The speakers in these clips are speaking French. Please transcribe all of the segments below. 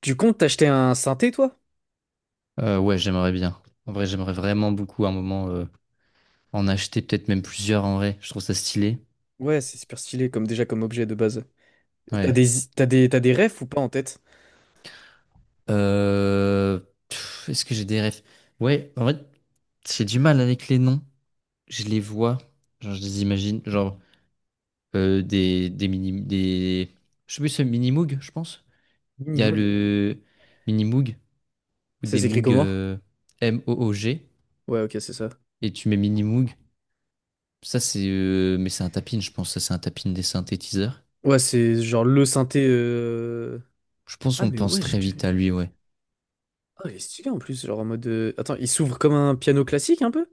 Tu comptes t'acheter un synthé, toi? Ouais, j'aimerais bien. En vrai, j'aimerais vraiment beaucoup à un moment en acheter, peut-être même plusieurs en vrai. Je trouve ça stylé. Ouais, c'est super stylé, comme déjà comme objet de base. Et t'as Ouais. des, t'as des, t'as des refs ou pas en tête? Euh, Est-ce que j'ai des rêves? Ouais, en vrai, j'ai du mal avec les noms. Je les vois, genre je les imagine, genre des mini, je sais plus, c'est mini moog, je pense. Il y a Minimog. le mini moog ou Ça des s'écrit moog comment? Moog Ouais, ok, c'est ça. et tu mets mini moog. Ça c'est, mais c'est un tapin, je pense. Ça c'est un tapin des synthétiseurs. Ouais, c'est genre le synthé. Je pense Ah, qu'on mais pense ouais, j'ai très déjà vite vu. à lui, ouais. Ah, il est stylé en plus, genre en mode. Attends, il s'ouvre comme un piano classique un peu?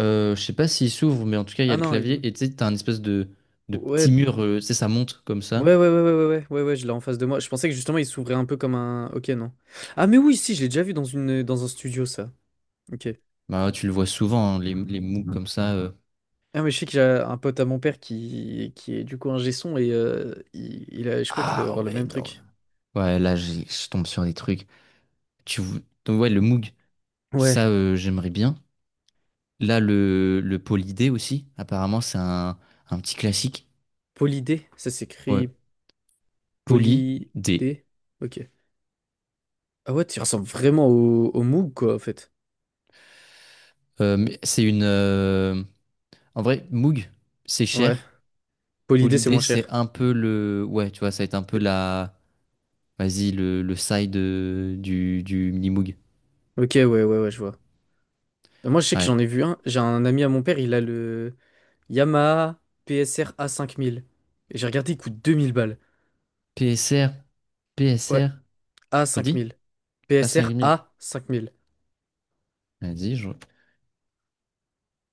Je sais pas s'il s'ouvre, mais en tout cas, il y a Ah le non, il. clavier. Et tu sais, t'as un espèce de petit Ouais. mur, tu sais, ça monte comme Ouais, ça. ouais, ouais, ouais, ouais, ouais, ouais, ouais, je l'ai en face de moi. Je pensais que justement il s'ouvrait un peu comme un. Ok, non. Ah, mais oui, si, je l'ai déjà vu dans une, dans un studio, ça. Ok. Bah, tu le vois souvent, hein, les moves comme ça. Ah, mais je sais qu'il y a un pote à mon père qui est du coup un son et il a, je crois qu'il doit Ah avoir le ouais, même non. truc. Ouais, là, je tombe sur des trucs. Tu... vou- Donc, ouais, le Moog, Ouais, ça, j'aimerais bien. Là, le Poly-D aussi, apparemment, c'est un petit classique. Polydé, ça Ouais, s'écrit Polydé. Poly-D. Ok. Ah ouais, tu ressembles vraiment au Moog, quoi, en fait. Mais c'est une. En vrai, Moog, c'est cher. Ouais, Polydé, c'est Polydé, moins cher. c'est un peu le. Ouais, tu vois, ça va être un peu C'est- la. Vas-y, le side du Minimoog. Ok, ouais, ouais, ouais, je vois. Moi, je sais que Ouais. j'en ai vu un. J'ai un ami à mon père, il a le Yamaha PSR a cinq mille. Et j'ai regardé, il coûte 2000 balles. PSR, Ouais, PSR, redis? A5000. Cinq PSR A5000. A5000. Vas-y, je.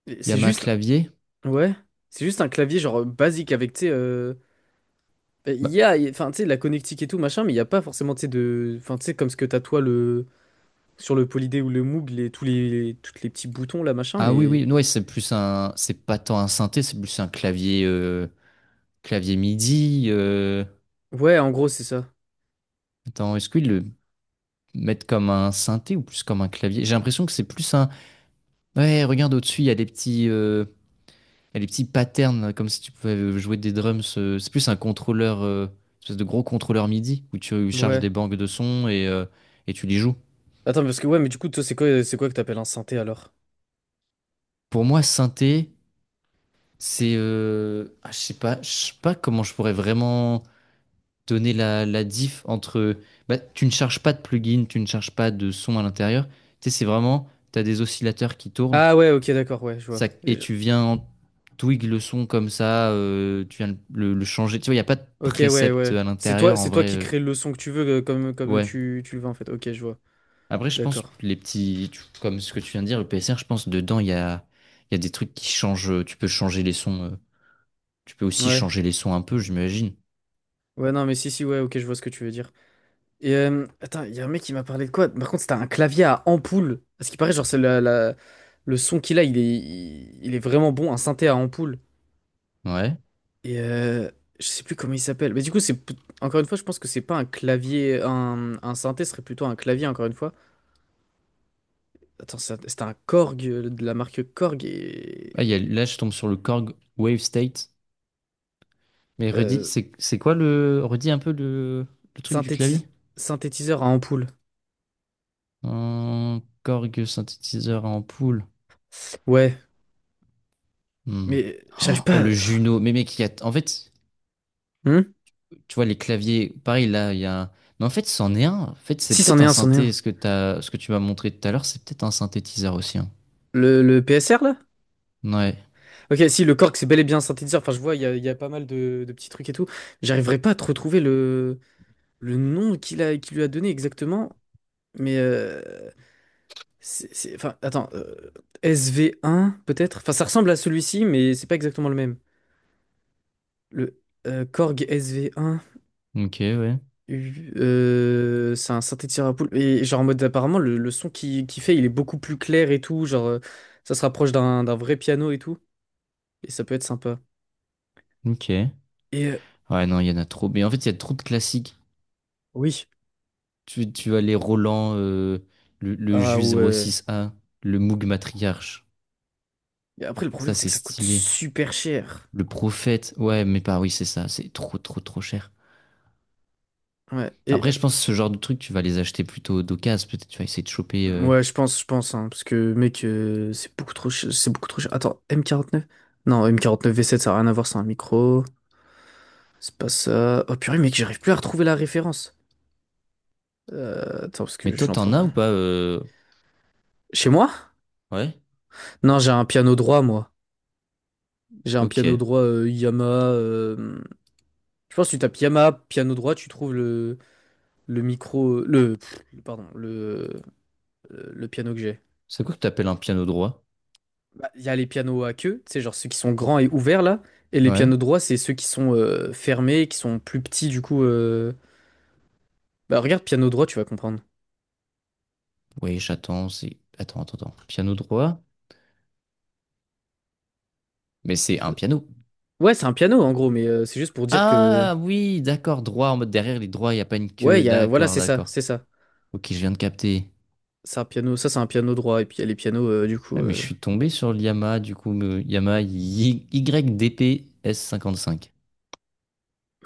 Et c'est Yamaha juste. clavier. Ouais, c'est juste un clavier genre basique avec, tu sais, ben, il Bah, y a, enfin, tu sais, la connectique et tout, machin, mais il n'y a pas forcément, tu sais, de, enfin, tu sais, comme ce que t'as toi le, sur le Polydé ou le Moog, les, tous les, toutes les petits boutons là, machin, ah oui, mais oui, ouais, c'est plus un. C'est pas tant un synthé, c'est plus un clavier. Clavier MIDI. Ouais, en gros, c'est ça. Attends, est-ce qu'ils le mettent comme un synthé ou plus comme un clavier? J'ai l'impression que c'est plus un. Ouais, regarde au-dessus, il y a des petits. Et les petits patterns, là, comme si tu pouvais jouer des drums. C'est plus un contrôleur, espèce de gros contrôleur MIDI, où tu charges Ouais. des banques de sons et tu les joues. Attends, parce que ouais, mais du coup, toi, c'est quoi que t'appelles un synthé alors? Pour moi, synthé, c'est... ah, je sais pas comment je pourrais vraiment donner la diff entre... Bah, tu ne charges pas de plugin, tu ne charges pas de son à l'intérieur. Tu sais, c'est vraiment... Tu as des oscillateurs qui tournent Ah ouais, ok, d'accord, ouais, je vois. ça, et tu viens en twig le son comme ça, tu viens le changer. Tu vois, il n'y a pas de Ok, ouais, précepte ouais. à C'est toi, l'intérieur en c'est toi vrai. qui crée le son que tu veux, comme ouais. tu le veux en fait. Ok, je vois. Après, je pense D'accord. que les petits, comme ce que tu viens de dire, le PSR, je pense dedans il y a des trucs qui changent. Tu peux changer les sons. Tu peux aussi Ouais. changer les sons un peu, j'imagine. Ouais, non, mais si, si, ouais, ok, je vois ce que tu veux dire. Et attends, il y a un mec qui m'a parlé de quoi? Par contre, c'était un clavier à ampoule. Parce qu'il paraît, genre, c'est le son qu'il a, il est vraiment bon, un synthé à ampoule. Ouais. Et je sais plus comment il s'appelle. Mais du coup, encore une fois, je pense que c'est pas un clavier. Un synthé serait plutôt un clavier, encore une fois. Attends, c'était un Korg de la marque Korg Ah, et. là, je tombe sur le Korg Wave State. Mais redis, euh, c'est quoi redis un peu le truc du synthétis- clavier. synthétiseur à ampoule. Korg synthétiseur en poule. Ouais, Hmm. mais j'arrive Oh, pas. le à- Juno. Mais mec, il y a, en fait. Hmm. Tu vois, les claviers, pareil, là, il y a... Mais en fait, c'en est un. En fait, c'est Si, c'en peut-être est un un, c'en est synthé. un. Ce que tu m'as montré tout à l'heure, c'est peut-être un synthétiseur aussi, hein. Le PSR, là? Ouais. Ok, si le cork c'est bel et bien un synthétiseur, enfin je vois, il y a pas mal de petits trucs et tout. J'arriverai pas à te retrouver le nom qu'il a, qu'il lui a donné exactement, mais enfin attends, SV1 peut-être? Enfin ça ressemble à celui-ci, mais c'est pas exactement le même. Le Korg SV1, Ok, ouais. C'est un synthétiseur à poule. Et genre en mode apparemment le son qu'il fait il est beaucoup plus clair et tout, genre ça se rapproche d'un vrai piano et tout, et ça peut être sympa. Ok. Et Ouais, non, il y en a trop. Mais en fait, il y a trop de classiques. oui, Tu as les Roland, le ah Jus zéro ouais. six a le Moog Matriarche. Et après, le problème, Ça, c'est c'est que ça coûte stylé. super cher. Le Prophète. Ouais, mais pas, oui, c'est ça. C'est trop, trop, trop cher. Ouais, et Après, je pense que ce genre de truc, tu vas les acheter plutôt d'occasion. Peut-être tu vas essayer de choper. Ouais, je pense, hein, parce que mec, c'est beaucoup trop cher, c'est beaucoup trop cher. Attends, m quarante neuf. Non, m quarante neuf V7, ça a rien à voir, c'est un micro. C'est pas ça. Oh purée, mec, j'arrive plus à retrouver la référence. Attends, parce que Mais je toi, suis en t'en train. as ou pas? Chez moi? Ouais. Non, j'ai un piano droit, moi. J'ai un piano Ok. droit Yamaha. euh, Je pense que tu tapes Yamaha piano droit, tu trouves le micro, pardon, le piano que j'ai. C'est quoi que t'appelles un piano droit? Bah, il y a les pianos à queue, c'est genre ceux qui sont grands et ouverts là, et les Ouais. pianos droits, c'est ceux qui sont fermés, qui sont plus petits du coup. Bah regarde piano droit, tu vas comprendre. Oui, j'attends, c'est... Attends, attends, attends. Piano droit? Mais c'est un Euh, piano. Ouais, c'est un piano en gros, mais c'est juste pour dire que Ah oui, d'accord, droit, en mode derrière les droits, il n'y a pas une ouais, il queue. y a voilà, D'accord, c'est ça, d'accord. c'est ça. Ok, je viens de capter. C'est un piano, ça c'est un piano droit, et puis il y a les pianos du coup. Ouais, mais je suis tombé sur le Yamaha, du coup, le Yamaha YDP S55.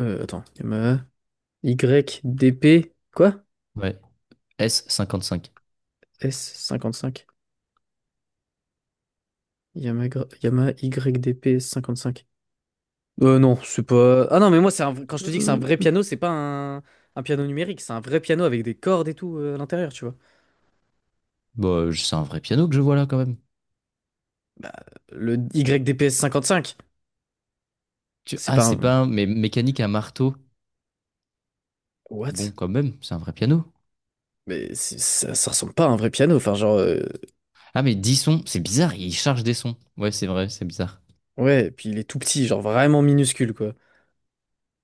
Attends, Yamaha YDP quoi? Ouais, S55. S cinquante cinq. Yamaha, Yamaha YDP s cinq. Non, c'est pas. Ah non, mais moi, c'est un... quand je te dis que c'est un Euh, vrai piano, c'est pas un... un piano numérique, c'est un vrai piano avec des cordes et tout à l'intérieur, tu vois. Bah, c'est un vrai piano que je vois là, quand même. Le YDPS 55, Tu... c'est Ah, pas c'est un. pas un... Mais mécanique à marteau. Bon, What? quand même, c'est un vrai piano. Mais ça, ça ressemble pas à un vrai piano, enfin, genre. Ah, mais 10 sons, c'est bizarre, il charge des sons. Ouais, c'est vrai, c'est bizarre. Ouais, puis il est tout petit, genre vraiment minuscule, quoi.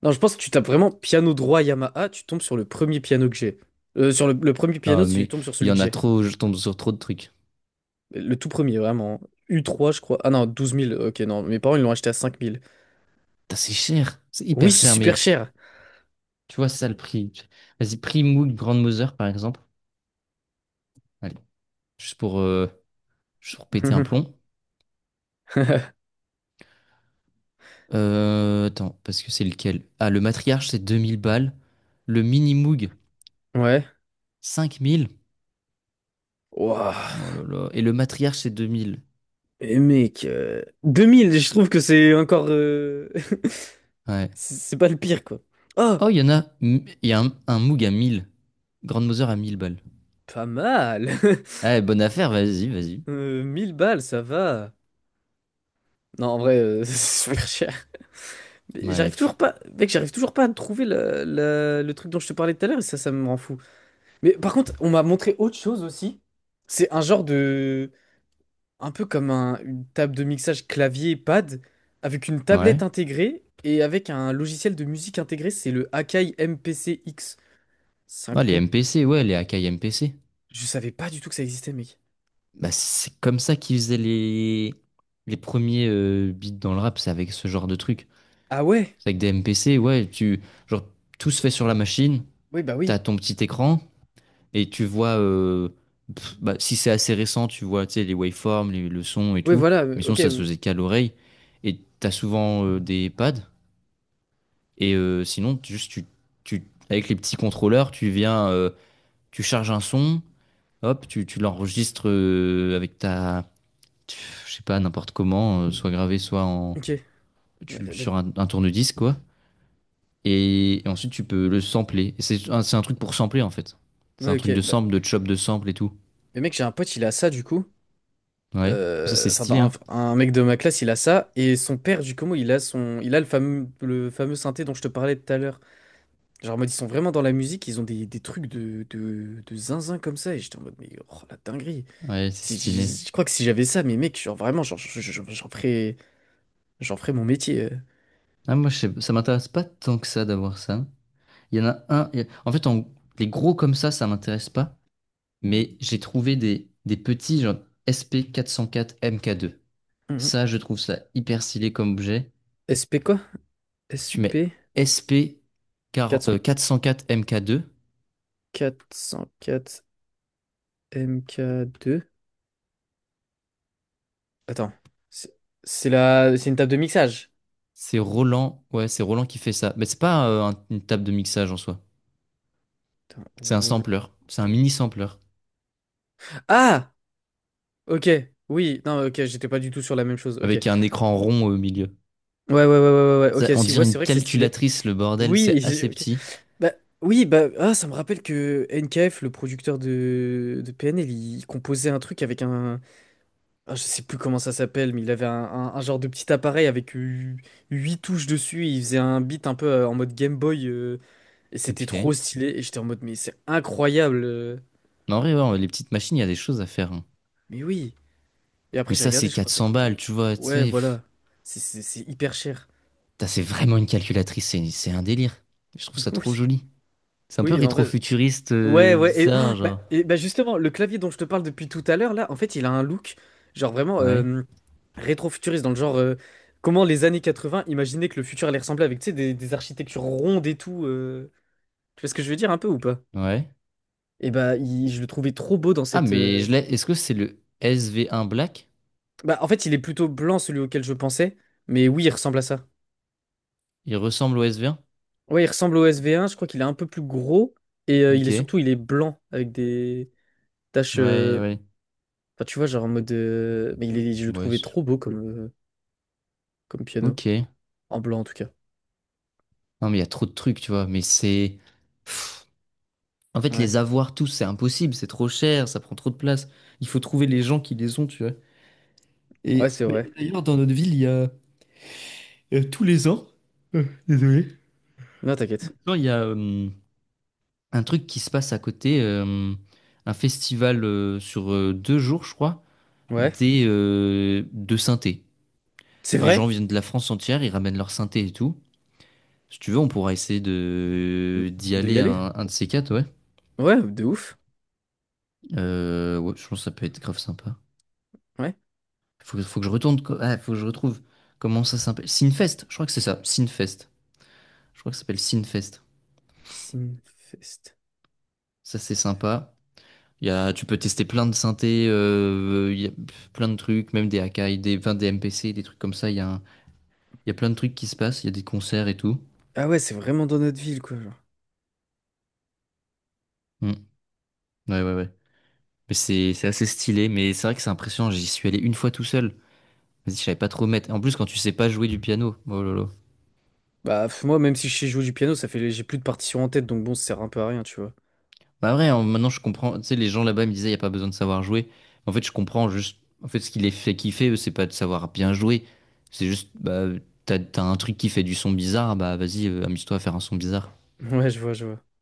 Non, je pense que tu tapes vraiment piano droit Yamaha, tu tombes sur le premier piano que j'ai. Sur le premier Ah, piano, si tu mais tombes sur il y celui que en a j'ai. trop, je tombe sur trop de trucs. Le tout premier, vraiment. U3, je crois. Ah non, 12 000. Ok, non, mes parents, ils l'ont acheté à 5000. Putain, c'est cher, c'est Oui, hyper c'est cher, mais super cher. tu vois, c'est ça le prix. Vas-y, prix Moog Grandmother, par exemple. Allez, juste pour, euh, juste pour péter un plomb. Attends, parce que c'est lequel? Ah, le matriarche, c'est 2000 balles. Le mini Moog, Ouais. 5000. Waouh, Oh là là. Et le matriarche, c'est deux mille. et mec, 2000, je trouve que c'est encore... Ouais. C'est pas le pire, quoi. Oh, Oh, il y en a. Il y a un Moog à 1000. Grandmother à 1000 balles. pas mal. Ah, bonne affaire, vas-y, vas-y. 1000 balles, ça va. Non, en vrai, c'est super cher. Mais Ouais. j'arrive toujours pas... Mec, j'arrive toujours pas à trouver le truc dont je te parlais tout à l'heure, et ça me rend fou. Mais par contre, on m'a montré autre chose aussi. C'est un genre de... un peu comme une table de mixage clavier-pad, avec une tablette Ouais. intégrée et avec un logiciel de musique intégré, c'est le Akai MPC-X. C'est un Ah, les compte... MPC, ouais, les Akai MPC. Je savais pas du tout que ça existait, mec. Bah, c'est comme ça qu'ils faisaient les premiers beats dans le rap, c'est avec ce genre de truc. Ah ouais? C'est avec des MPC, ouais, genre, tout se fait sur la machine, Oui, bah t'as oui. ton petit écran, et tu vois, bah, si c'est assez récent, tu vois, tu sais, les waveforms, le son et Oui, tout, voilà, mais sinon, ok, ça se faisait qu'à l'oreille, et t'as souvent des pads, et sinon, juste, tu, avec les petits contrôleurs, tu viens, tu charges un son, hop, tu l'enregistres avec ta, je sais pas, n'importe comment, soit gravé, soit en, ok. Ouais, tu bah, sur un tourne-disque, quoi. Et ensuite, tu peux le sampler. Et c'est un truc pour sampler, en fait. C'est un ouais, truc ok. de Bah. sample, de chop de sample et tout. Mais mec, j'ai un pote, il a ça, du coup. Ouais. Ça, c'est Enfin, stylé, hein. un mec de ma classe, il a ça. Et son père, du coup, il a son... Il a le fameux synthé dont je te parlais tout à l'heure. Genre, en mode, ils sont vraiment dans la musique, ils ont des trucs de zinzin comme ça. Et j'étais en mode, mais oh la dinguerie. Ouais, c'est stylé. Je crois que si j'avais ça, mais mec, genre vraiment, genre, j'en ferais mon métier. Ah, moi, je sais, ça m'intéresse pas tant que ça d'avoir ça. Il y en a un. En fait, les gros comme ça m'intéresse pas. Mais j'ai trouvé des petits, genre SP404 MK2. Mhm. Ça, je trouve ça hyper stylé comme objet. SP quoi? Tu mets SP SP 40 404 MK2. 404 MK2. Attends, c'est c'est une table de mixage. C'est Roland, ouais, c'est Roland qui fait ça. Mais c'est pas une table de mixage en soi. Attends, C'est un roll. sampler. C'est un mini sampler Ah! Ok, oui, non, ok, j'étais pas du tout sur la même chose. Ok. avec un écran rond au milieu. Ouais, ouais, ouais, ouais, ouais, ouais, Ça, ok, on si, dirait ouais, c'est une vrai que c'est stylé. calculatrice, le bordel. C'est Oui, assez petit. Bah, oui, bah, ah, ça me rappelle que NKF, le producteur de PNL, il composait un truc avec un. Ah, je sais plus comment ça s'appelle, mais il avait un, un genre de petit appareil avec 8 touches dessus. Et il faisait un beat un peu en mode Game Boy. Et c'était Ok. Mais trop stylé. Et j'étais en mode, mais c'est incroyable. en vrai, ouais, les petites machines, il y a des choses à faire, hein. Mais oui. Et Mais après, j'ai ça, regardé, c'est je quatre crois ça cents coûte. balles, euh, tu vois. Tu Ouais, sais. Pff. voilà. C'est hyper cher. Putain, c'est vraiment une calculatrice. C'est un délire. Je trouve ça trop Oui. joli. C'est un peu Oui, en vrai. rétro-futuriste, Ouais, ouais, et, oh, bizarre, bah, genre. et bah justement, le clavier dont je te parle depuis tout à l'heure, là, en fait, il a un look, genre vraiment Ouais. Rétro-futuriste, dans le genre, comment les années 80 imaginaient que le futur allait ressembler avec, tu sais, des architectures rondes et tout. Tu vois ce que je veux dire un peu ou pas? Ouais. Et bah, je le trouvais trop beau dans Ah, cette. mais euh, je l'ai. Est-ce que c'est le SV1 Black? Bah, en fait, il est plutôt blanc, celui auquel je pensais, mais oui, il ressemble à ça. Il ressemble au SV1? Ouais, il ressemble au SV1, je crois qu'il est un peu plus gros, et il Ok. est Ouais, surtout, il est blanc, avec des taches. ouais. Enfin, tu vois, genre en mode. Mais il est, je le Ouais. trouvais trop beau comme. Comme piano. Ok. En blanc, en tout cas. Non, mais il y a trop de trucs, tu vois. Mais c'est. En fait, Ouais. les avoir tous, c'est impossible. C'est trop cher. Ça prend trop de place. Il faut trouver les gens qui les ont, tu vois. Et Ouais, c'est mais vrai. d'ailleurs, dans notre ville, il y a tous les ans, Non, t'inquiète. genre, il y a un truc qui se passe à côté. Un festival sur 2 jours, je crois, Ouais. De synthé. C'est Les gens vrai? viennent de la France entière, ils ramènent leur synthé et tout. Si tu veux, on pourra essayer de d'y De y aller aller? un de ces quatre, ouais. Ouais, de ouf. Ouais, je pense que ça peut être grave sympa. Ouais. Faut que je retourne. Ah, faut que je retrouve. Comment ça s'appelle? Sinfest, je crois que c'est ça. Sinfest. Je crois que ça s'appelle S- Sinfest. Sinfest. Ça, c'est sympa. Il y a, tu peux tester plein de synthés, il y a plein de trucs, même des Akai, enfin, des MPC, des trucs comme ça. Il y a plein de trucs qui se passent. Il y a des concerts et tout. Ah ouais, c'est vraiment dans notre ville, quoi, genre. Hmm. Ouais, ouais, ouais. Mais c'est assez stylé, mais c'est vrai que c'est impressionnant. J'y suis allé une fois tout seul. Vas-y, je savais pas trop mettre. En plus, quand tu sais pas jouer du piano, oh là là. Bah, moi, même si je sais jouer du piano, ça fait... J'ai plus de partition en tête, donc bon, ça sert un peu à rien, tu vois. Bah vrai, hein, maintenant je comprends. Tu sais, les gens là-bas me disaient, il n'y a pas besoin de savoir jouer. En fait, je comprends juste. En fait, ce qui les fait kiffer, eux, c'est pas de savoir bien jouer. C'est juste, bah, t'as un truc qui fait du son bizarre, bah vas-y, amuse-toi à faire un son bizarre. Ouais, je vois, je vois.